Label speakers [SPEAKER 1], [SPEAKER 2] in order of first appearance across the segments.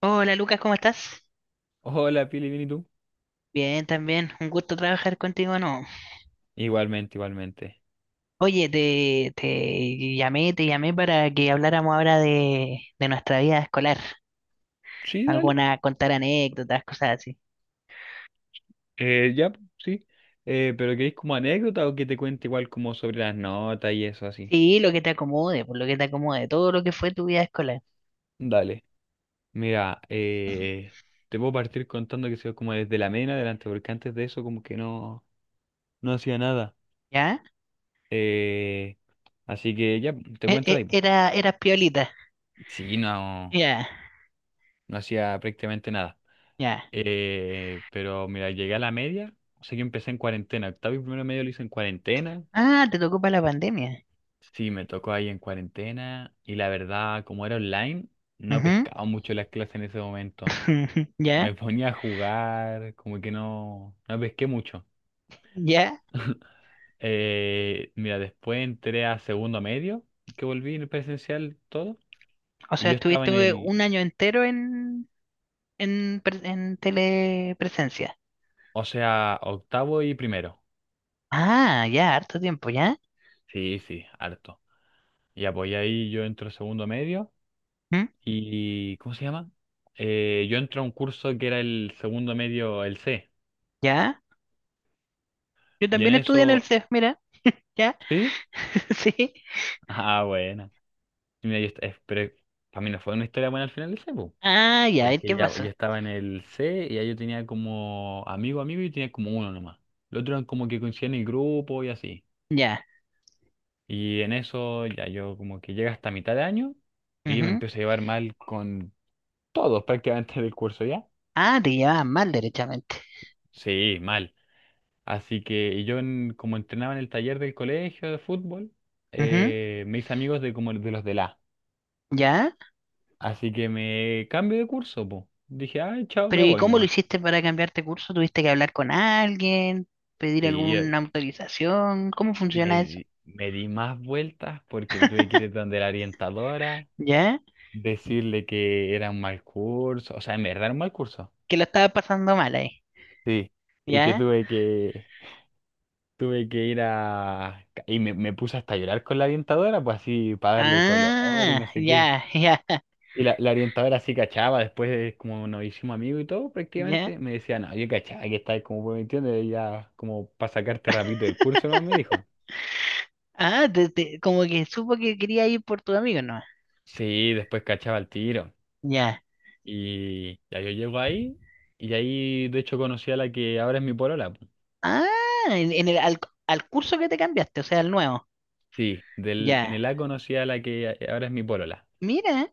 [SPEAKER 1] Hola Lucas, ¿cómo estás?
[SPEAKER 2] Hola, Pili, ¿bien y tú?
[SPEAKER 1] Bien, también. Un gusto trabajar contigo, ¿no?
[SPEAKER 2] Igualmente, igualmente.
[SPEAKER 1] Oye, te llamé para que habláramos ahora de nuestra vida escolar.
[SPEAKER 2] Sí, dale.
[SPEAKER 1] Alguna, contar anécdotas, cosas así.
[SPEAKER 2] Ya, pues, sí. Pero ¿queréis como anécdota o que te cuente igual como sobre las notas y eso así?
[SPEAKER 1] Sí, lo que te acomode, por lo que te acomode, todo lo que fue tu vida escolar.
[SPEAKER 2] Dale. Mira, te puedo partir contando que soy como desde la MENA adelante, porque antes de eso como que no hacía nada.
[SPEAKER 1] ¿Ya?
[SPEAKER 2] Eh, Así que ya, te cuento de ahí. Po.
[SPEAKER 1] Eras piolita.
[SPEAKER 2] Sí, no,
[SPEAKER 1] Ya,
[SPEAKER 2] no hacía prácticamente nada.
[SPEAKER 1] ya.
[SPEAKER 2] Pero mira, llegué a la media, o sea, yo empecé en cuarentena. Octavo y primero medio lo hice en cuarentena.
[SPEAKER 1] Ah, te tocó para la pandemia.
[SPEAKER 2] Sí, me tocó ahí en cuarentena y la verdad, como era online, no
[SPEAKER 1] Ujú.
[SPEAKER 2] pescaba mucho las clases en ese momento.
[SPEAKER 1] Ya,
[SPEAKER 2] Me ponía a jugar, como que no pesqué mucho.
[SPEAKER 1] ya.
[SPEAKER 2] Mira, después entré a segundo medio, que volví en presencial todo,
[SPEAKER 1] O
[SPEAKER 2] y
[SPEAKER 1] sea,
[SPEAKER 2] yo estaba en
[SPEAKER 1] estuviste
[SPEAKER 2] el,
[SPEAKER 1] un año entero en telepresencia.
[SPEAKER 2] o sea, octavo y primero.
[SPEAKER 1] Ah, ya, harto tiempo, ¿ya?
[SPEAKER 2] Sí, sí, harto. Y apoyé ahí yo entro a segundo medio
[SPEAKER 1] ¿Mm?
[SPEAKER 2] y, ¿cómo se llama? Yo entro a un curso que era el segundo medio, el C.
[SPEAKER 1] ¿Ya? Yo
[SPEAKER 2] Y en
[SPEAKER 1] también estudié en el
[SPEAKER 2] eso
[SPEAKER 1] CEF, mira, ¿ya?
[SPEAKER 2] ¿sí?
[SPEAKER 1] Sí.
[SPEAKER 2] Ah, buena. Y mira, yo, pero para mí no fue una historia buena al final ese, po.
[SPEAKER 1] Ah, ya, ¿y qué
[SPEAKER 2] Porque ya, pues,
[SPEAKER 1] pasó?
[SPEAKER 2] yo estaba en el C y ahí yo tenía como amigo y tenía como uno nomás. Los otros eran como que coincidían en el grupo y así.
[SPEAKER 1] Ya.
[SPEAKER 2] Y en eso ya yo como que llega hasta mitad de año y yo me
[SPEAKER 1] Ujú.
[SPEAKER 2] empiezo a llevar mal con todos prácticamente del curso ya.
[SPEAKER 1] Ah, te llevabas mal, derechamente.
[SPEAKER 2] Sí, mal. Así que y yo como entrenaba en el taller del colegio de fútbol,
[SPEAKER 1] Ujú.
[SPEAKER 2] me hice amigos de como de los de la.
[SPEAKER 1] ¿Ya?
[SPEAKER 2] Así que me cambio de curso, po. Dije, ay, chao,
[SPEAKER 1] Pero
[SPEAKER 2] me
[SPEAKER 1] ¿y
[SPEAKER 2] voy
[SPEAKER 1] cómo lo
[SPEAKER 2] nomás.
[SPEAKER 1] hiciste para cambiarte curso? ¿Tuviste que hablar con alguien? ¿Pedir
[SPEAKER 2] Sí,
[SPEAKER 1] alguna autorización? ¿Cómo funciona eso?
[SPEAKER 2] me di más vueltas porque me tuve que ir donde la orientadora,
[SPEAKER 1] ¿Ya?
[SPEAKER 2] decirle que era un mal curso, o sea, en verdad era un mal curso.
[SPEAKER 1] Que lo estaba pasando mal ahí.
[SPEAKER 2] Sí, y que
[SPEAKER 1] ¿Ya?
[SPEAKER 2] tuve que ir a... Y me puse hasta a llorar con la orientadora, pues así, para darle color y
[SPEAKER 1] Ah,
[SPEAKER 2] no sé qué.
[SPEAKER 1] ya, ya,
[SPEAKER 2] Y la orientadora sí cachaba, después de como nos hicimos amigos y todo,
[SPEAKER 1] ya.
[SPEAKER 2] prácticamente, me decía, no, yo cachaba que estáis como pues, me entiendes, ya como para sacarte rapidito del curso, ¿no? Me dijo.
[SPEAKER 1] Ah, como que supo que quería ir por tu amigo, ¿no?
[SPEAKER 2] Sí, después cachaba el tiro.
[SPEAKER 1] Ya.
[SPEAKER 2] Y ya yo llego ahí, y ahí de hecho conocí a la que ahora es mi polola. Po.
[SPEAKER 1] Ah, en, en el, al, al curso que te cambiaste, o sea, al nuevo.
[SPEAKER 2] Sí, del, en
[SPEAKER 1] Ya.
[SPEAKER 2] el A conocí a la que ahora es mi polola.
[SPEAKER 1] Mira,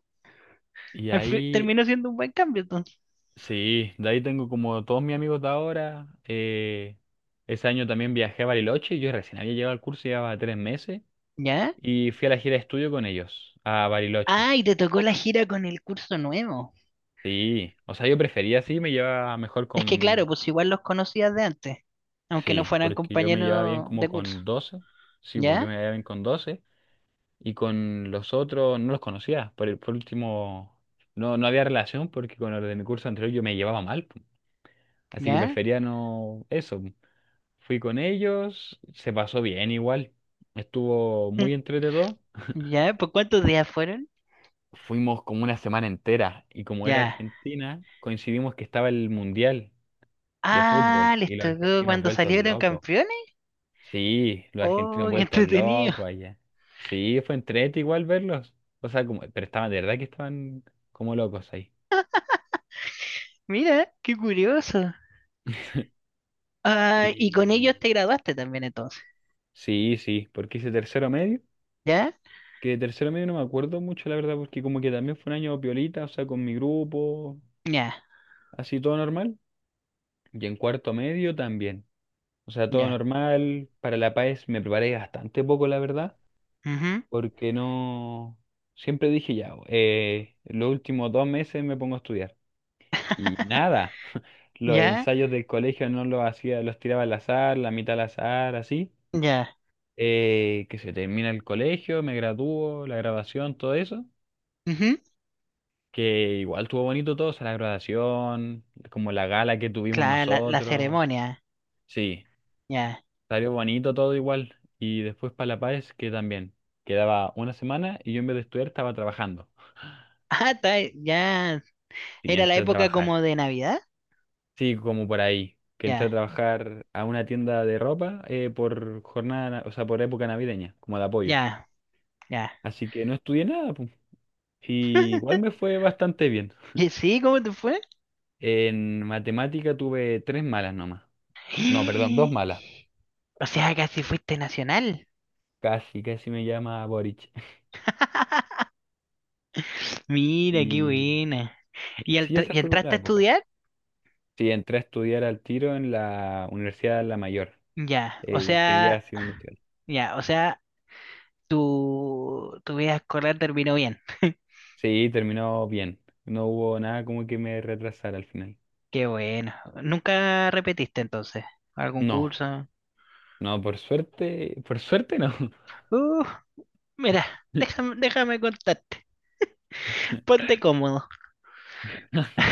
[SPEAKER 2] Y ahí,
[SPEAKER 1] terminó siendo un buen cambio entonces.
[SPEAKER 2] sí, de ahí tengo como todos mis amigos de ahora. Ese año también viajé a Bariloche, yo recién había llegado al curso, llevaba tres meses.
[SPEAKER 1] Ya.
[SPEAKER 2] Y fui a la gira de estudio con ellos, a Bariloche.
[SPEAKER 1] Ah, y te tocó la gira con el curso nuevo.
[SPEAKER 2] Sí, o sea, yo prefería sí, me llevaba mejor
[SPEAKER 1] Es que claro,
[SPEAKER 2] con...
[SPEAKER 1] pues igual los conocías de antes, aunque no
[SPEAKER 2] Sí,
[SPEAKER 1] fueran
[SPEAKER 2] porque yo me llevaba bien
[SPEAKER 1] compañeros
[SPEAKER 2] como
[SPEAKER 1] de curso.
[SPEAKER 2] con doce. Sí, pues yo
[SPEAKER 1] ¿Ya?
[SPEAKER 2] me llevaba bien con doce. Y con los otros no los conocía. Por último, no, no había relación porque con los de mi curso anterior yo me llevaba mal. Po. Así que
[SPEAKER 1] ¿Ya?
[SPEAKER 2] prefería no eso. Po. Fui con ellos, se pasó bien igual. Estuvo
[SPEAKER 1] Mm,
[SPEAKER 2] muy entretenido.
[SPEAKER 1] ¿Ya? ¿Por cuántos días fueron?
[SPEAKER 2] Fuimos como una semana entera y como era
[SPEAKER 1] Ya.
[SPEAKER 2] Argentina, coincidimos que estaba el Mundial de
[SPEAKER 1] Ah,
[SPEAKER 2] fútbol
[SPEAKER 1] les
[SPEAKER 2] y los
[SPEAKER 1] tocó
[SPEAKER 2] argentinos
[SPEAKER 1] cuando
[SPEAKER 2] vueltos
[SPEAKER 1] salieron
[SPEAKER 2] locos.
[SPEAKER 1] campeones.
[SPEAKER 2] Sí, los argentinos
[SPEAKER 1] Oh, qué
[SPEAKER 2] vueltos
[SPEAKER 1] entretenido.
[SPEAKER 2] locos allá. Sí, fue entrete igual verlos. O sea, como, pero estaban, de verdad que estaban como locos ahí.
[SPEAKER 1] Mira, qué curioso. Ah, y con ellos
[SPEAKER 2] Y
[SPEAKER 1] te graduaste también entonces.
[SPEAKER 2] sí, sí, porque hice tercero medio,
[SPEAKER 1] ¿Ya?
[SPEAKER 2] que de tercero medio no me acuerdo mucho, la verdad, porque como que también fue un año piolita, o sea, con mi grupo,
[SPEAKER 1] Ya.
[SPEAKER 2] así todo normal. Y en cuarto medio también. O sea, todo
[SPEAKER 1] Ya.
[SPEAKER 2] normal. Para La Paz me preparé bastante poco, la verdad,
[SPEAKER 1] Ujú.
[SPEAKER 2] porque no... Siempre dije ya, los últimos dos meses me pongo a estudiar. Y nada, los
[SPEAKER 1] Ya,
[SPEAKER 2] ensayos del colegio no los hacía, los tiraba al azar, la mitad al azar, así.
[SPEAKER 1] ya.
[SPEAKER 2] Que se termina el colegio, me gradúo, la graduación, todo eso.
[SPEAKER 1] Ujú.
[SPEAKER 2] Que igual estuvo bonito todo, o sea, la graduación, como la gala que tuvimos
[SPEAKER 1] Claro, la
[SPEAKER 2] nosotros.
[SPEAKER 1] ceremonia.
[SPEAKER 2] Sí.
[SPEAKER 1] Ya.
[SPEAKER 2] Salió bonito todo igual. Y después para La Paz, que también. Quedaba una semana y yo en vez de estudiar estaba trabajando.
[SPEAKER 1] Ah, está, ya.
[SPEAKER 2] Y
[SPEAKER 1] Era la
[SPEAKER 2] entré a
[SPEAKER 1] época
[SPEAKER 2] trabajar.
[SPEAKER 1] como de Navidad.
[SPEAKER 2] Sí, como por ahí. Que entré
[SPEAKER 1] Ya,
[SPEAKER 2] a trabajar a una tienda de ropa por jornada, o sea, por época navideña, como de apoyo.
[SPEAKER 1] ya, ya.
[SPEAKER 2] Así que no estudié nada, pues. Y igual me fue bastante bien.
[SPEAKER 1] ¿Y sí? ¿Cómo te fue?
[SPEAKER 2] En matemática tuve tres malas nomás. No, perdón, dos malas.
[SPEAKER 1] O sea, casi fuiste nacional.
[SPEAKER 2] Casi, casi me llama Boric.
[SPEAKER 1] Mira, qué
[SPEAKER 2] Y
[SPEAKER 1] buena. ¿Y, al-
[SPEAKER 2] sí, esa
[SPEAKER 1] y
[SPEAKER 2] fue como
[SPEAKER 1] entraste
[SPEAKER 2] la
[SPEAKER 1] a
[SPEAKER 2] época.
[SPEAKER 1] estudiar?
[SPEAKER 2] Sí, entré a estudiar al tiro en la Universidad de La Mayor,
[SPEAKER 1] Ya, o sea,
[SPEAKER 2] Ingeniería Civil Industrial.
[SPEAKER 1] ya, o sea, tu vida escolar terminó bien.
[SPEAKER 2] Sí, terminó bien. No hubo nada como que me retrasara al final.
[SPEAKER 1] Qué bueno. ¿Nunca repetiste entonces? ¿Algún
[SPEAKER 2] No,
[SPEAKER 1] curso?
[SPEAKER 2] no, por suerte no.
[SPEAKER 1] Uh. Mira, déjame, déjame contarte. Ponte cómodo.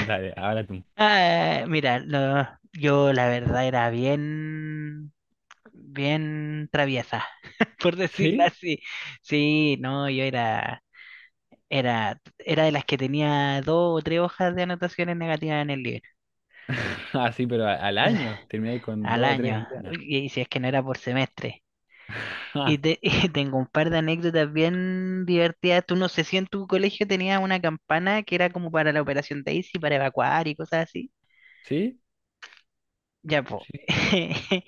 [SPEAKER 2] Dale, ahora tú.
[SPEAKER 1] Ah, mira, yo la verdad era bien, bien traviesa, por decirlo
[SPEAKER 2] ¿Sí?
[SPEAKER 1] así. Sí, no, yo era de las que tenía dos o tres hojas de anotaciones negativas en el libro
[SPEAKER 2] Ah, sí, pero al año terminé con
[SPEAKER 1] al
[SPEAKER 2] dos o
[SPEAKER 1] año,
[SPEAKER 2] tres llenas.
[SPEAKER 1] y si es que no era por semestre.
[SPEAKER 2] Ah,
[SPEAKER 1] Y tengo un par de anécdotas bien divertidas. Tú no sé si en tu colegio tenías una campana que era como para la Operación Daisy, para evacuar y cosas así.
[SPEAKER 2] ¿sí?
[SPEAKER 1] Ya, po.
[SPEAKER 2] Sí,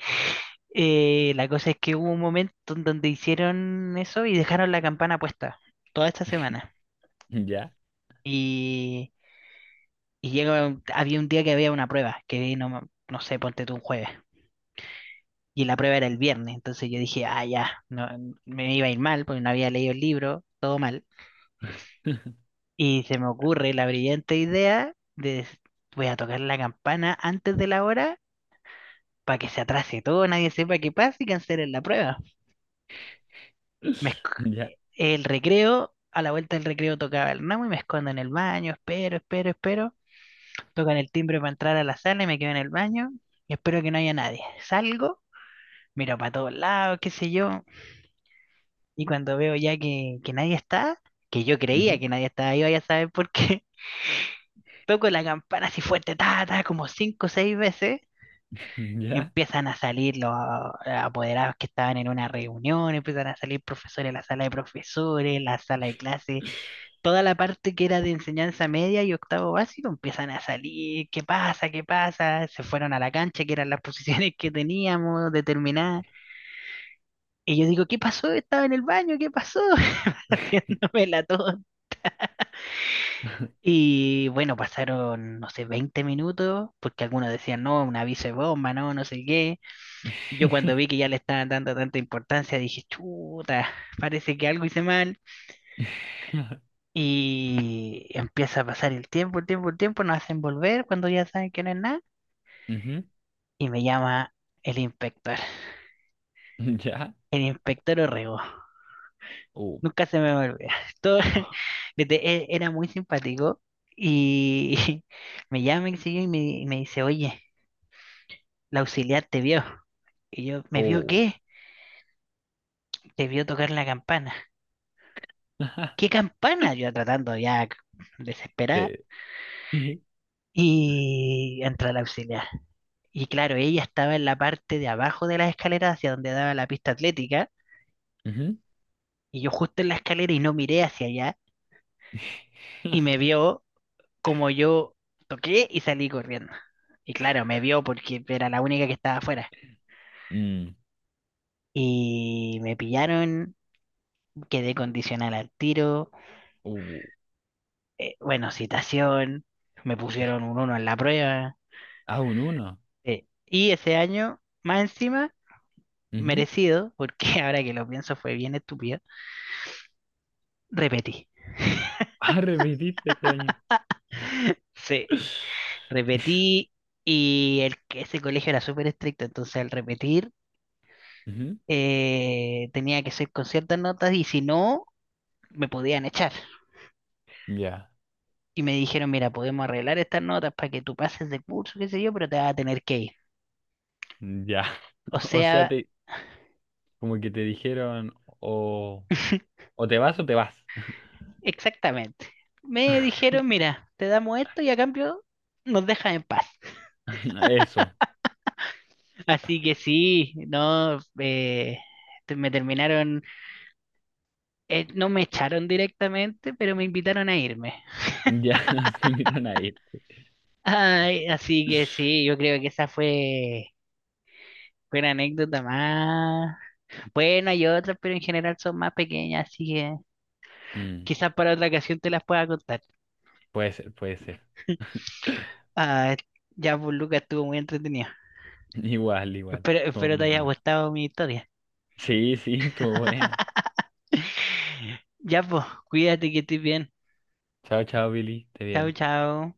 [SPEAKER 1] La cosa es que hubo un momento en donde hicieron eso y dejaron la campana puesta toda esta semana.
[SPEAKER 2] ya.
[SPEAKER 1] Y, y había un día que había una prueba, que no, no sé, ponte tú un jueves. Y la prueba era el viernes. Entonces yo dije, ah, ya, no, me iba a ir mal porque no había leído el libro, todo mal. Y se me ocurre la brillante idea voy a tocar la campana antes de la hora para que se atrase todo, nadie sepa qué pasa y cancelen la prueba. Me,
[SPEAKER 2] Ya.
[SPEAKER 1] el recreo, a la vuelta del recreo tocaba el ramo y me escondo en el baño, espero, espero, espero. Tocan el timbre para entrar a la sala y me quedo en el baño y espero que no haya nadie. Salgo, miro para todos lados, qué sé yo, y cuando veo ya que nadie está, que yo creía
[SPEAKER 2] Ujú.
[SPEAKER 1] que nadie estaba ahí, vaya a saber por qué, toco la campana así fuerte, ta, ta, como cinco o seis veces.
[SPEAKER 2] Ya.
[SPEAKER 1] Empiezan a salir los apoderados que estaban en una reunión, empiezan a salir profesores de la sala de profesores, la sala de clases, toda la parte que era de enseñanza media y octavo básico empiezan a salir, ¿qué pasa? ¿Qué pasa? Se fueron a la cancha, que eran las posiciones que teníamos determinadas. Y yo digo, ¿qué pasó? Estaba en el baño, ¿qué pasó? Haciéndome la tos. Y bueno, pasaron, no sé, 20 minutos, porque algunos decían, no, un aviso de bomba, no, no sé qué. Y yo cuando vi que ya le estaban dando tanta importancia, dije, chuta, parece que algo hice mal. Y empieza a pasar el tiempo, el tiempo, el tiempo, nos hacen volver cuando ya saben que no es nada.
[SPEAKER 2] Ujú.
[SPEAKER 1] Y me llama el inspector,
[SPEAKER 2] Ya.
[SPEAKER 1] el inspector Orrego.
[SPEAKER 2] Oh,
[SPEAKER 1] Nunca se me va a olvidar. Todo, era muy simpático y me llama y sigue y me dice, oye, la auxiliar te vio. Y yo, ¿me vio
[SPEAKER 2] oh.
[SPEAKER 1] qué? Te vio tocar la campana. ¿Qué campana? Yo tratando ya desesperada.
[SPEAKER 2] Te dije.
[SPEAKER 1] Y entra la auxiliar. Y claro, ella estaba en la parte de abajo de las escaleras hacia donde daba la pista atlética,
[SPEAKER 2] Ujú.
[SPEAKER 1] y yo justo en la escalera y no miré hacia allá, y me vio como yo toqué y salí corriendo. Y claro, me vio porque era la única que estaba afuera.
[SPEAKER 2] Mm.
[SPEAKER 1] Y me pillaron, quedé condicional al tiro,
[SPEAKER 2] Uh,
[SPEAKER 1] bueno, citación, me pusieron un uno en la prueba.
[SPEAKER 2] ah, un uno.
[SPEAKER 1] Y ese año, más encima,
[SPEAKER 2] Ujú.
[SPEAKER 1] merecido, porque ahora que lo pienso fue bien estúpido, repetí.
[SPEAKER 2] Ah, repetiste este año.
[SPEAKER 1] Sí, repetí. Ese colegio era súper estricto, entonces al repetir
[SPEAKER 2] Ujú.
[SPEAKER 1] tenía que ser con ciertas notas y si no, me podían echar.
[SPEAKER 2] Ya,
[SPEAKER 1] Y me dijeron, mira, podemos arreglar estas notas para que tú pases de curso, qué sé yo, pero te vas a tener que ir.
[SPEAKER 2] ya.
[SPEAKER 1] O
[SPEAKER 2] O sea,
[SPEAKER 1] sea,
[SPEAKER 2] como que te dijeron o, o te vas o te vas.
[SPEAKER 1] exactamente. Me dijeron, mira, te damos esto y a cambio nos dejas en paz.
[SPEAKER 2] Eso.
[SPEAKER 1] Así que sí, no, me terminaron, no me echaron directamente, pero me invitaron a irme.
[SPEAKER 2] Ya se invitan a ir.
[SPEAKER 1] Ay, así que sí, yo creo que esa fue una anécdota más. Bueno, hay otras, pero en general son más pequeñas, así que
[SPEAKER 2] Mm,
[SPEAKER 1] quizás para otra ocasión te las pueda contar.
[SPEAKER 2] puede ser, puede ser.
[SPEAKER 1] Ah, ya, pues Lucas, estuvo muy entretenido.
[SPEAKER 2] Igual, igual.
[SPEAKER 1] Espero,
[SPEAKER 2] Estuvo
[SPEAKER 1] espero te
[SPEAKER 2] muy
[SPEAKER 1] haya
[SPEAKER 2] bueno.
[SPEAKER 1] gustado mi historia.
[SPEAKER 2] Sí, sí, estuvo buena.
[SPEAKER 1] Ya, pues, cuídate que estés bien.
[SPEAKER 2] Chao, chao, Billy. Esté
[SPEAKER 1] Chao,
[SPEAKER 2] bien.
[SPEAKER 1] chao.